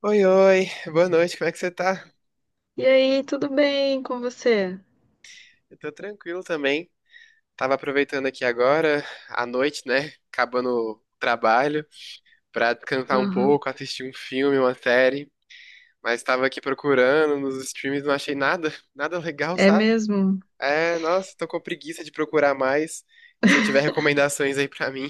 Oi, oi, boa noite, como é que você tá? E aí, tudo bem com você? Eu tô tranquilo também. Tava aproveitando aqui agora, à noite, né? Acabando o trabalho, pra descansar um Aham. pouco, assistir um filme, uma série. Mas tava aqui procurando nos streams, não achei nada, nada legal, É sabe? mesmo? É, nossa, tô com preguiça de procurar mais. Se tiver recomendações aí pra mim.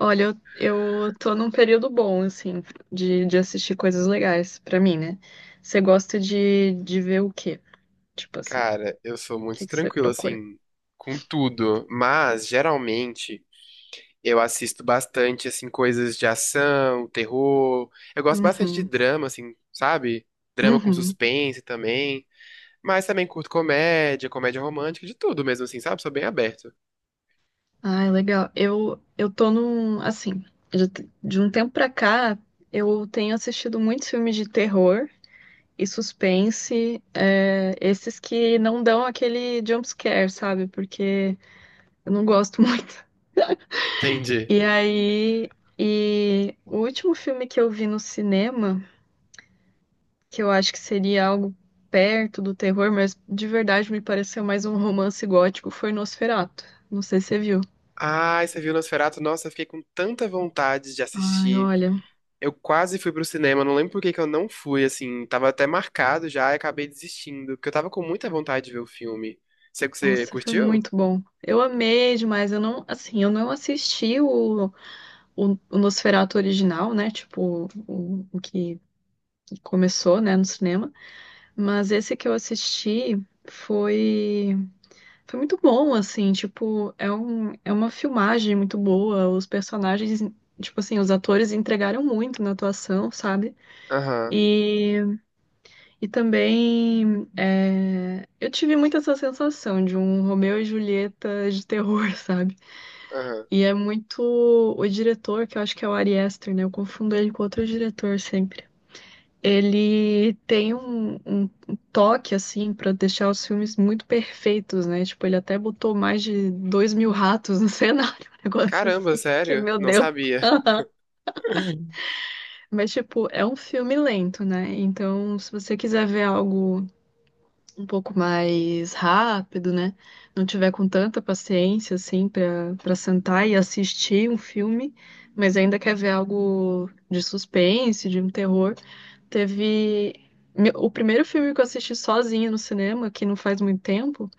Olha, eu tô num período bom, assim, de assistir coisas legais pra mim, né? Você gosta de ver o quê? Tipo assim, o Cara, eu sou muito que que você tranquilo, procura? assim, com tudo. Mas, geralmente. Eu assisto bastante, assim, coisas de ação, terror. Eu gosto bastante de Uhum, drama, assim, sabe? Drama com uhum. suspense também. Mas também curto comédia, comédia romântica, de tudo mesmo, assim, sabe? Sou bem aberto. Ai, legal. Eu tô num, assim, de, de um tempo pra cá, eu tenho assistido muitos filmes de terror e suspense, esses que não dão aquele jump scare, sabe? Porque eu não gosto muito. Entendi. E aí, e o último filme que eu vi no cinema, que eu acho que seria algo perto do terror, mas de verdade me pareceu mais um romance gótico, foi Nosferatu. Não sei se você viu. Ai, você viu Nosferatu? Nossa, eu fiquei com tanta vontade de Ai, assistir. olha, Eu quase fui pro cinema, não lembro por que que eu não fui, assim. Tava até marcado já e acabei desistindo, porque eu tava com muita vontade de ver o filme. Você nossa, foi curtiu? muito bom. Eu amei demais. Eu não, assim, eu não assisti o Nosferatu original, né? Tipo, o que começou, né, no cinema. Mas esse que eu assisti foi. Foi muito bom, assim, tipo, é um, é uma filmagem muito boa. Os personagens, tipo assim, os atores entregaram muito na atuação, sabe? Aham, E, e também eu tive muito essa sensação de um Romeu e Julieta de terror, sabe? aham. E é muito o diretor, que eu acho que é o Ari Aster, né? Eu confundo ele com outro diretor sempre. Ele tem um, um toque, assim, pra deixar os filmes muito perfeitos, né? Tipo, ele até botou mais de 2.000 ratos no cenário, um negócio Caramba, assim. Que, sério? meu Não Deus. sabia. Mas, tipo, é um filme lento, né? Então, se você quiser ver algo um pouco mais rápido, né? Não tiver com tanta paciência, assim, pra sentar e assistir um filme, mas ainda quer ver algo de suspense, de um terror. Teve. O primeiro filme que eu assisti sozinha no cinema, que não faz muito tempo,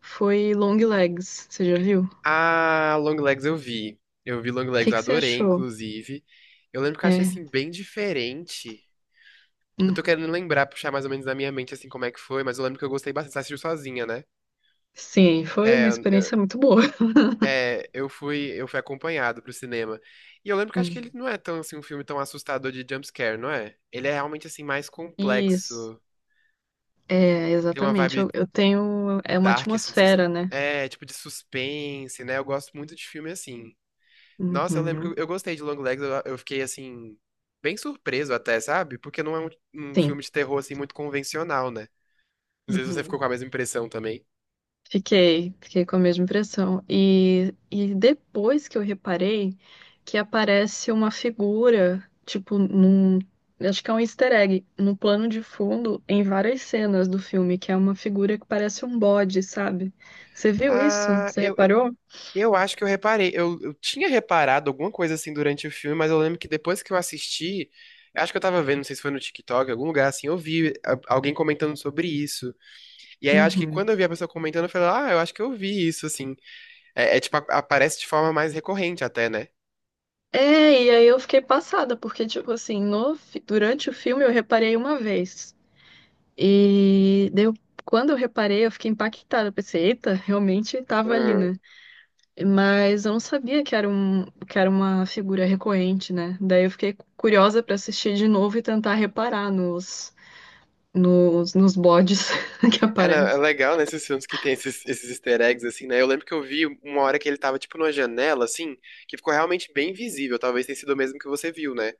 foi Long Legs. Você já viu? A Longlegs eu vi. Eu vi O Longlegs, que eu que você adorei, achou? inclusive. Eu lembro que eu achei, É. assim, bem diferente. Eu tô hum, querendo lembrar, puxar mais ou menos na minha mente, assim, como é que foi, mas eu lembro que eu gostei bastante. Você assistiu sozinha, né? Sim, foi uma É, eu, eu- experiência muito boa. eu fui acompanhado pro cinema. E eu lembro que acho que ele Hum. não é tão, assim, um filme tão assustador de jumpscare, não é? Ele é realmente, assim, mais Isso. complexo. É, Tem uma exatamente. Vibe Eu tenho. É uma dark, assim, de sus- atmosfera, né? é, tipo de suspense, né? Eu gosto muito de filme assim. Nossa, eu lembro que eu, Uhum. eu gostei de Long Legs, eu fiquei assim, bem surpreso até, sabe? Porque não é um Sim. filme de terror assim muito convencional, né? Não sei se você ficou Uhum. com a mesma impressão também. Fiquei, fiquei com a mesma impressão. E depois que eu reparei que aparece uma figura, tipo, num. Acho que é um easter egg, no plano de fundo, em várias cenas do filme, que é uma figura que parece um bode, sabe? Você viu isso? Ah, Você eu, eu, reparou? eu acho que eu reparei. Eu tinha reparado alguma coisa assim durante o filme, mas eu lembro que depois que eu assisti, eu acho que eu tava vendo, não sei se foi no TikTok, em algum lugar assim, eu vi alguém comentando sobre isso. E aí eu acho que Uhum. quando eu vi a pessoa comentando, eu falei, ah, eu acho que eu vi isso, assim. É, é, tipo, aparece de forma mais recorrente até, né? É, e aí eu fiquei passada, porque, tipo assim, no, fi- durante o filme eu reparei uma vez. E deu, quando eu reparei, eu fiquei impactada. Eu pensei, eita, realmente tava ali, Uhum. né? Mas eu não sabia que era um, que era uma figura recorrente, né? Daí eu fiquei curiosa para assistir de novo e tentar reparar nos bodes que É, não, é aparecem. legal nesses filmes que tem esses easter eggs, assim, né? Eu lembro que eu vi uma hora que ele tava, tipo, numa janela, assim, que ficou realmente bem visível. Talvez tenha sido o mesmo que você viu, né?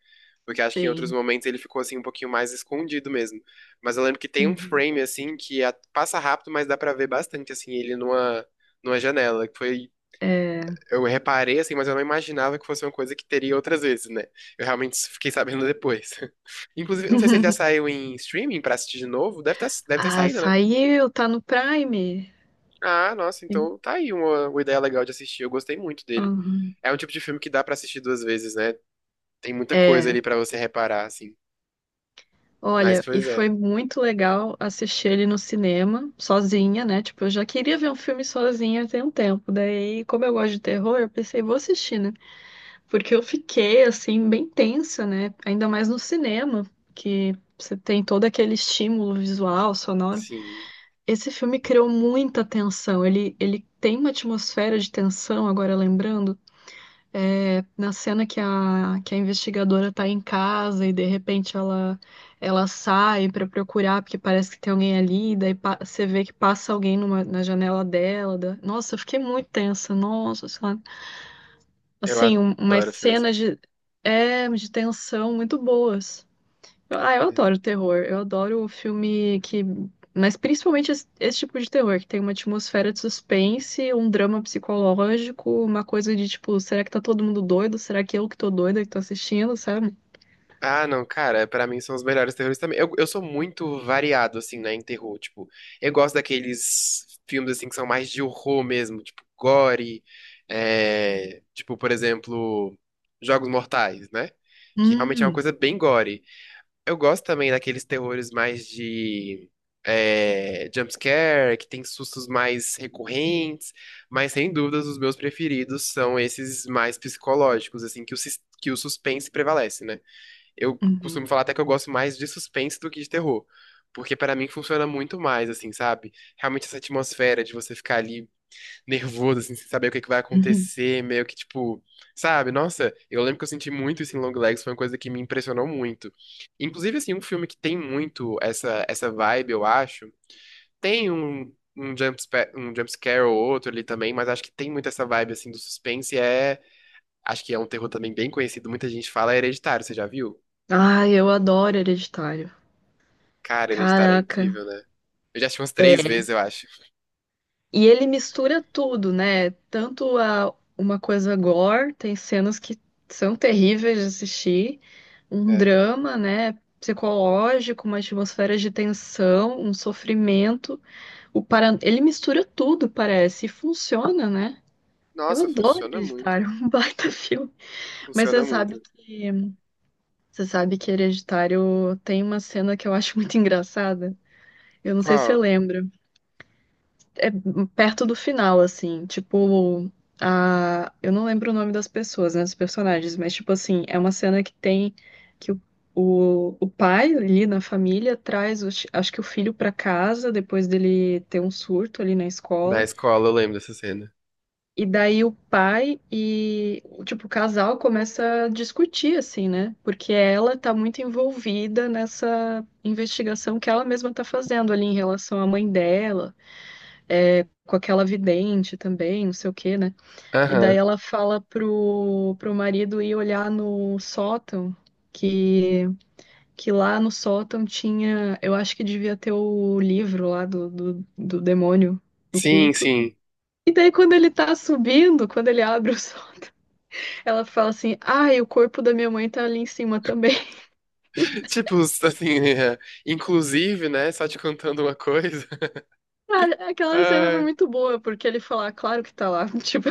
Porque acho que em outros Sim. momentos ele ficou, assim, um pouquinho mais escondido mesmo. Mas eu lembro que tem um Uhum. frame, assim, que passa rápido, mas dá pra ver bastante, assim, ele numa janela. Que foi É. eu reparei assim, mas eu não imaginava que fosse uma coisa que teria outras vezes, né? Eu realmente fiquei sabendo depois. Inclusive, eu não sei se ele já saiu em streaming pra assistir de novo. Deve ter Ah, saído, né? saiu, tá no Prime. Ah, nossa, Sim. então tá aí uma ideia legal de assistir. Eu gostei muito dele. Aham. É um tipo de filme que dá pra assistir duas vezes, né? Tem muita coisa É, ali pra você reparar, assim. Mas, olha, e pois foi é, muito legal assistir ele no cinema, sozinha, né? Tipo, eu já queria ver um filme sozinha tem um tempo. Daí, como eu gosto de terror, eu pensei, vou assistir, né? Porque eu fiquei, assim, bem tensa, né? Ainda mais no cinema, que você tem todo aquele estímulo visual, sonoro. sim. Esse filme criou muita tensão. Ele tem uma atmosfera de tensão, agora lembrando. É, na cena que a investigadora tá em casa e de repente ela sai para procurar, porque parece que tem alguém ali, você vê que passa alguém na janela dela. Nossa, eu fiquei muito tensa, nossa, sei lá Eu assim, umas adoro filme assim. cenas de, de tensão muito boas. Eu É. adoro terror. Eu adoro o filme que. Mas principalmente esse, esse tipo de terror, que tem uma atmosfera de suspense, um drama psicológico, uma coisa de tipo, será que tá todo mundo doido? Será que eu que tô doida que tô assistindo, sabe? Ah, não, cara, pra mim são os melhores terrores também. Eu sou muito variado, assim, né, em terror. Tipo, eu gosto daqueles filmes, assim, que são mais de horror mesmo, tipo, gore. É, tipo, por exemplo, Jogos Mortais, né? Que realmente é uma Hum. coisa bem gore. Eu gosto também daqueles terrores mais de. É, jumpscare, que tem sustos mais recorrentes, mas sem dúvidas os meus preferidos são esses mais psicológicos, assim, que o suspense prevalece, né? Eu Uhum. costumo falar até que eu gosto mais de suspense do que de terror. Porque pra mim funciona muito mais, assim, sabe? Realmente essa atmosfera de você ficar ali nervoso, assim, sem saber o que que vai Uhum. acontecer, meio que tipo, sabe? Nossa, eu lembro que eu senti muito isso em Long Legs, foi uma coisa que me impressionou muito. Inclusive, assim, um filme que tem muito essa vibe, eu acho. Tem um jump scare ou outro ali também, mas acho que tem muito essa vibe, assim, do suspense. É, acho que é um terror também bem conhecido, muita gente fala, é Hereditário, você já viu? Ai, eu adoro Hereditário. Cara, Hereditário é Caraca. incrível, né? Eu já assisti umas três vezes, É. eu acho. E ele mistura tudo, né? Tanto a, uma coisa gore, tem cenas que são terríveis de assistir, um É. drama, né? Psicológico, uma atmosfera de tensão, um sofrimento. Ele mistura tudo, parece, e funciona, né? Eu Nossa, adoro funciona muito. Hereditário, um baita filme. Mas Funciona muito. Você sabe que Hereditário tem uma cena que eu acho muito engraçada. Eu não sei se você Qual? lembra. é Perto do final, assim, tipo, eu não lembro o nome das pessoas, né, dos personagens, mas, tipo assim, é uma cena que tem que o pai ali na família traz, acho que o filho pra casa, depois dele ter um surto ali na Na escola, escola, eu lembro dessa cena. e daí o pai e, tipo, o casal começa a discutir, assim, né, porque ela tá muito envolvida nessa investigação que ela mesma tá fazendo ali em relação à mãe dela, com aquela vidente também, não sei o quê, né? E daí Aham. ela fala pro marido ir olhar no sótão, que, que lá no sótão tinha, eu acho que devia ter o livro lá do demônio, do Sim, culto. sim. E daí quando ele tá subindo, quando ele abre o sótão, ela fala assim, ai, o corpo da minha mãe tá ali em cima também. Tipo, assim, é, inclusive, né? Só te contando uma coisa. Cara, aquela cena foi Ah, muito boa, porque ele fala, "Ah, claro que tá lá. Tipo,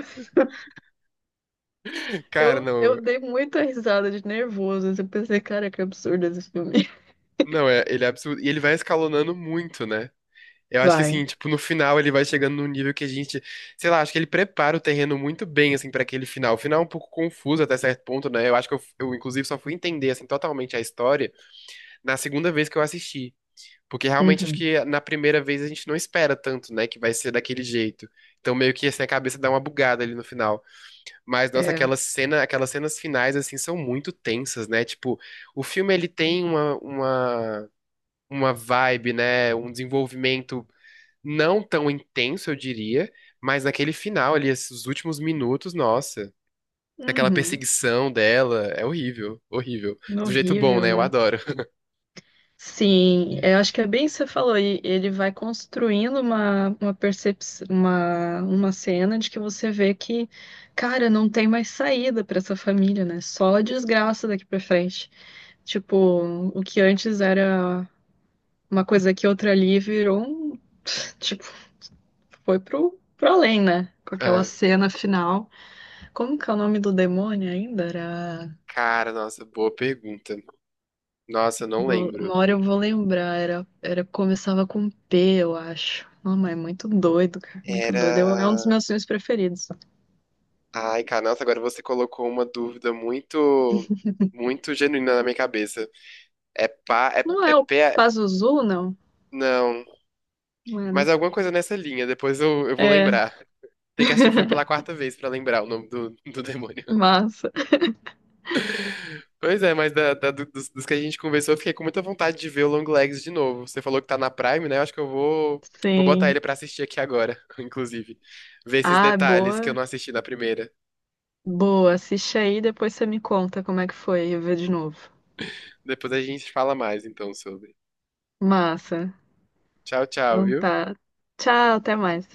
cara, eu não. dei muita risada de nervoso. Eu pensei, cara, que absurdo esse filme. Não, é, ele é absurdo. E ele vai escalonando muito, né? Eu acho que assim, Vai. tipo, no final ele vai chegando num nível que a gente, sei lá, acho que ele prepara o terreno muito bem, assim, pra aquele final. O final é um pouco confuso até certo ponto, né? Eu acho que inclusive, só fui entender, assim, totalmente a história na segunda vez que eu assisti. Porque realmente acho Uhum. que na primeira vez a gente não espera tanto, né, que vai ser daquele jeito. Então meio que assim a cabeça dá uma bugada ali no final. Mas nossa, É. aquela cena, aquelas cenas finais assim são muito tensas, né? Tipo, o filme ele tem uma vibe, né, um desenvolvimento não tão intenso, eu diria, mas naquele final ali, esses últimos minutos, nossa, aquela Uhum. perseguição dela é horrível, horrível. Do jeito bom, Horrível, né? Eu né? adoro. Sim, é, eu acho que é bem isso que você falou. E ele vai construindo uma percepção, uma cena de que você vê que, cara, não tem mais saída para essa família, né? Só desgraça daqui para frente. Tipo, o que antes era uma coisa aqui, outra ali, virou um. Tipo, foi pro além, né? Com aquela Ah, cena final. Como que é o nome do demônio ainda? Era. cara, nossa, boa pergunta. Nossa, eu não lembro. Uma hora eu vou lembrar, era começava com P, eu acho. Não, mas é muito doido, cara, muito doido. É um dos Era. meus filmes preferidos. Ai, cara, nossa, agora você colocou uma dúvida muito, muito genuína na minha cabeça. É pá, é, Não é é o pé. Pazuzu, não? Não. Não é, Mas né? alguma coisa nessa linha, depois eu vou É, lembrar. Tem que assistir o filme pela quarta vez pra lembrar o nome do demônio. massa. Pois é, mas dos que a gente conversou, eu fiquei com muita vontade de ver o Long Legs de novo. Você falou que tá na Prime, né? Eu acho que eu vou botar Sim. ele pra assistir aqui agora, inclusive. Ver esses Ah, detalhes que eu boa. não assisti na primeira. Boa, assiste aí, depois você me conta como é que foi, eu ver de novo. Depois a gente fala mais, então, sobre. Massa. Tchau, tchau, Então viu? tá. Tchau, até mais.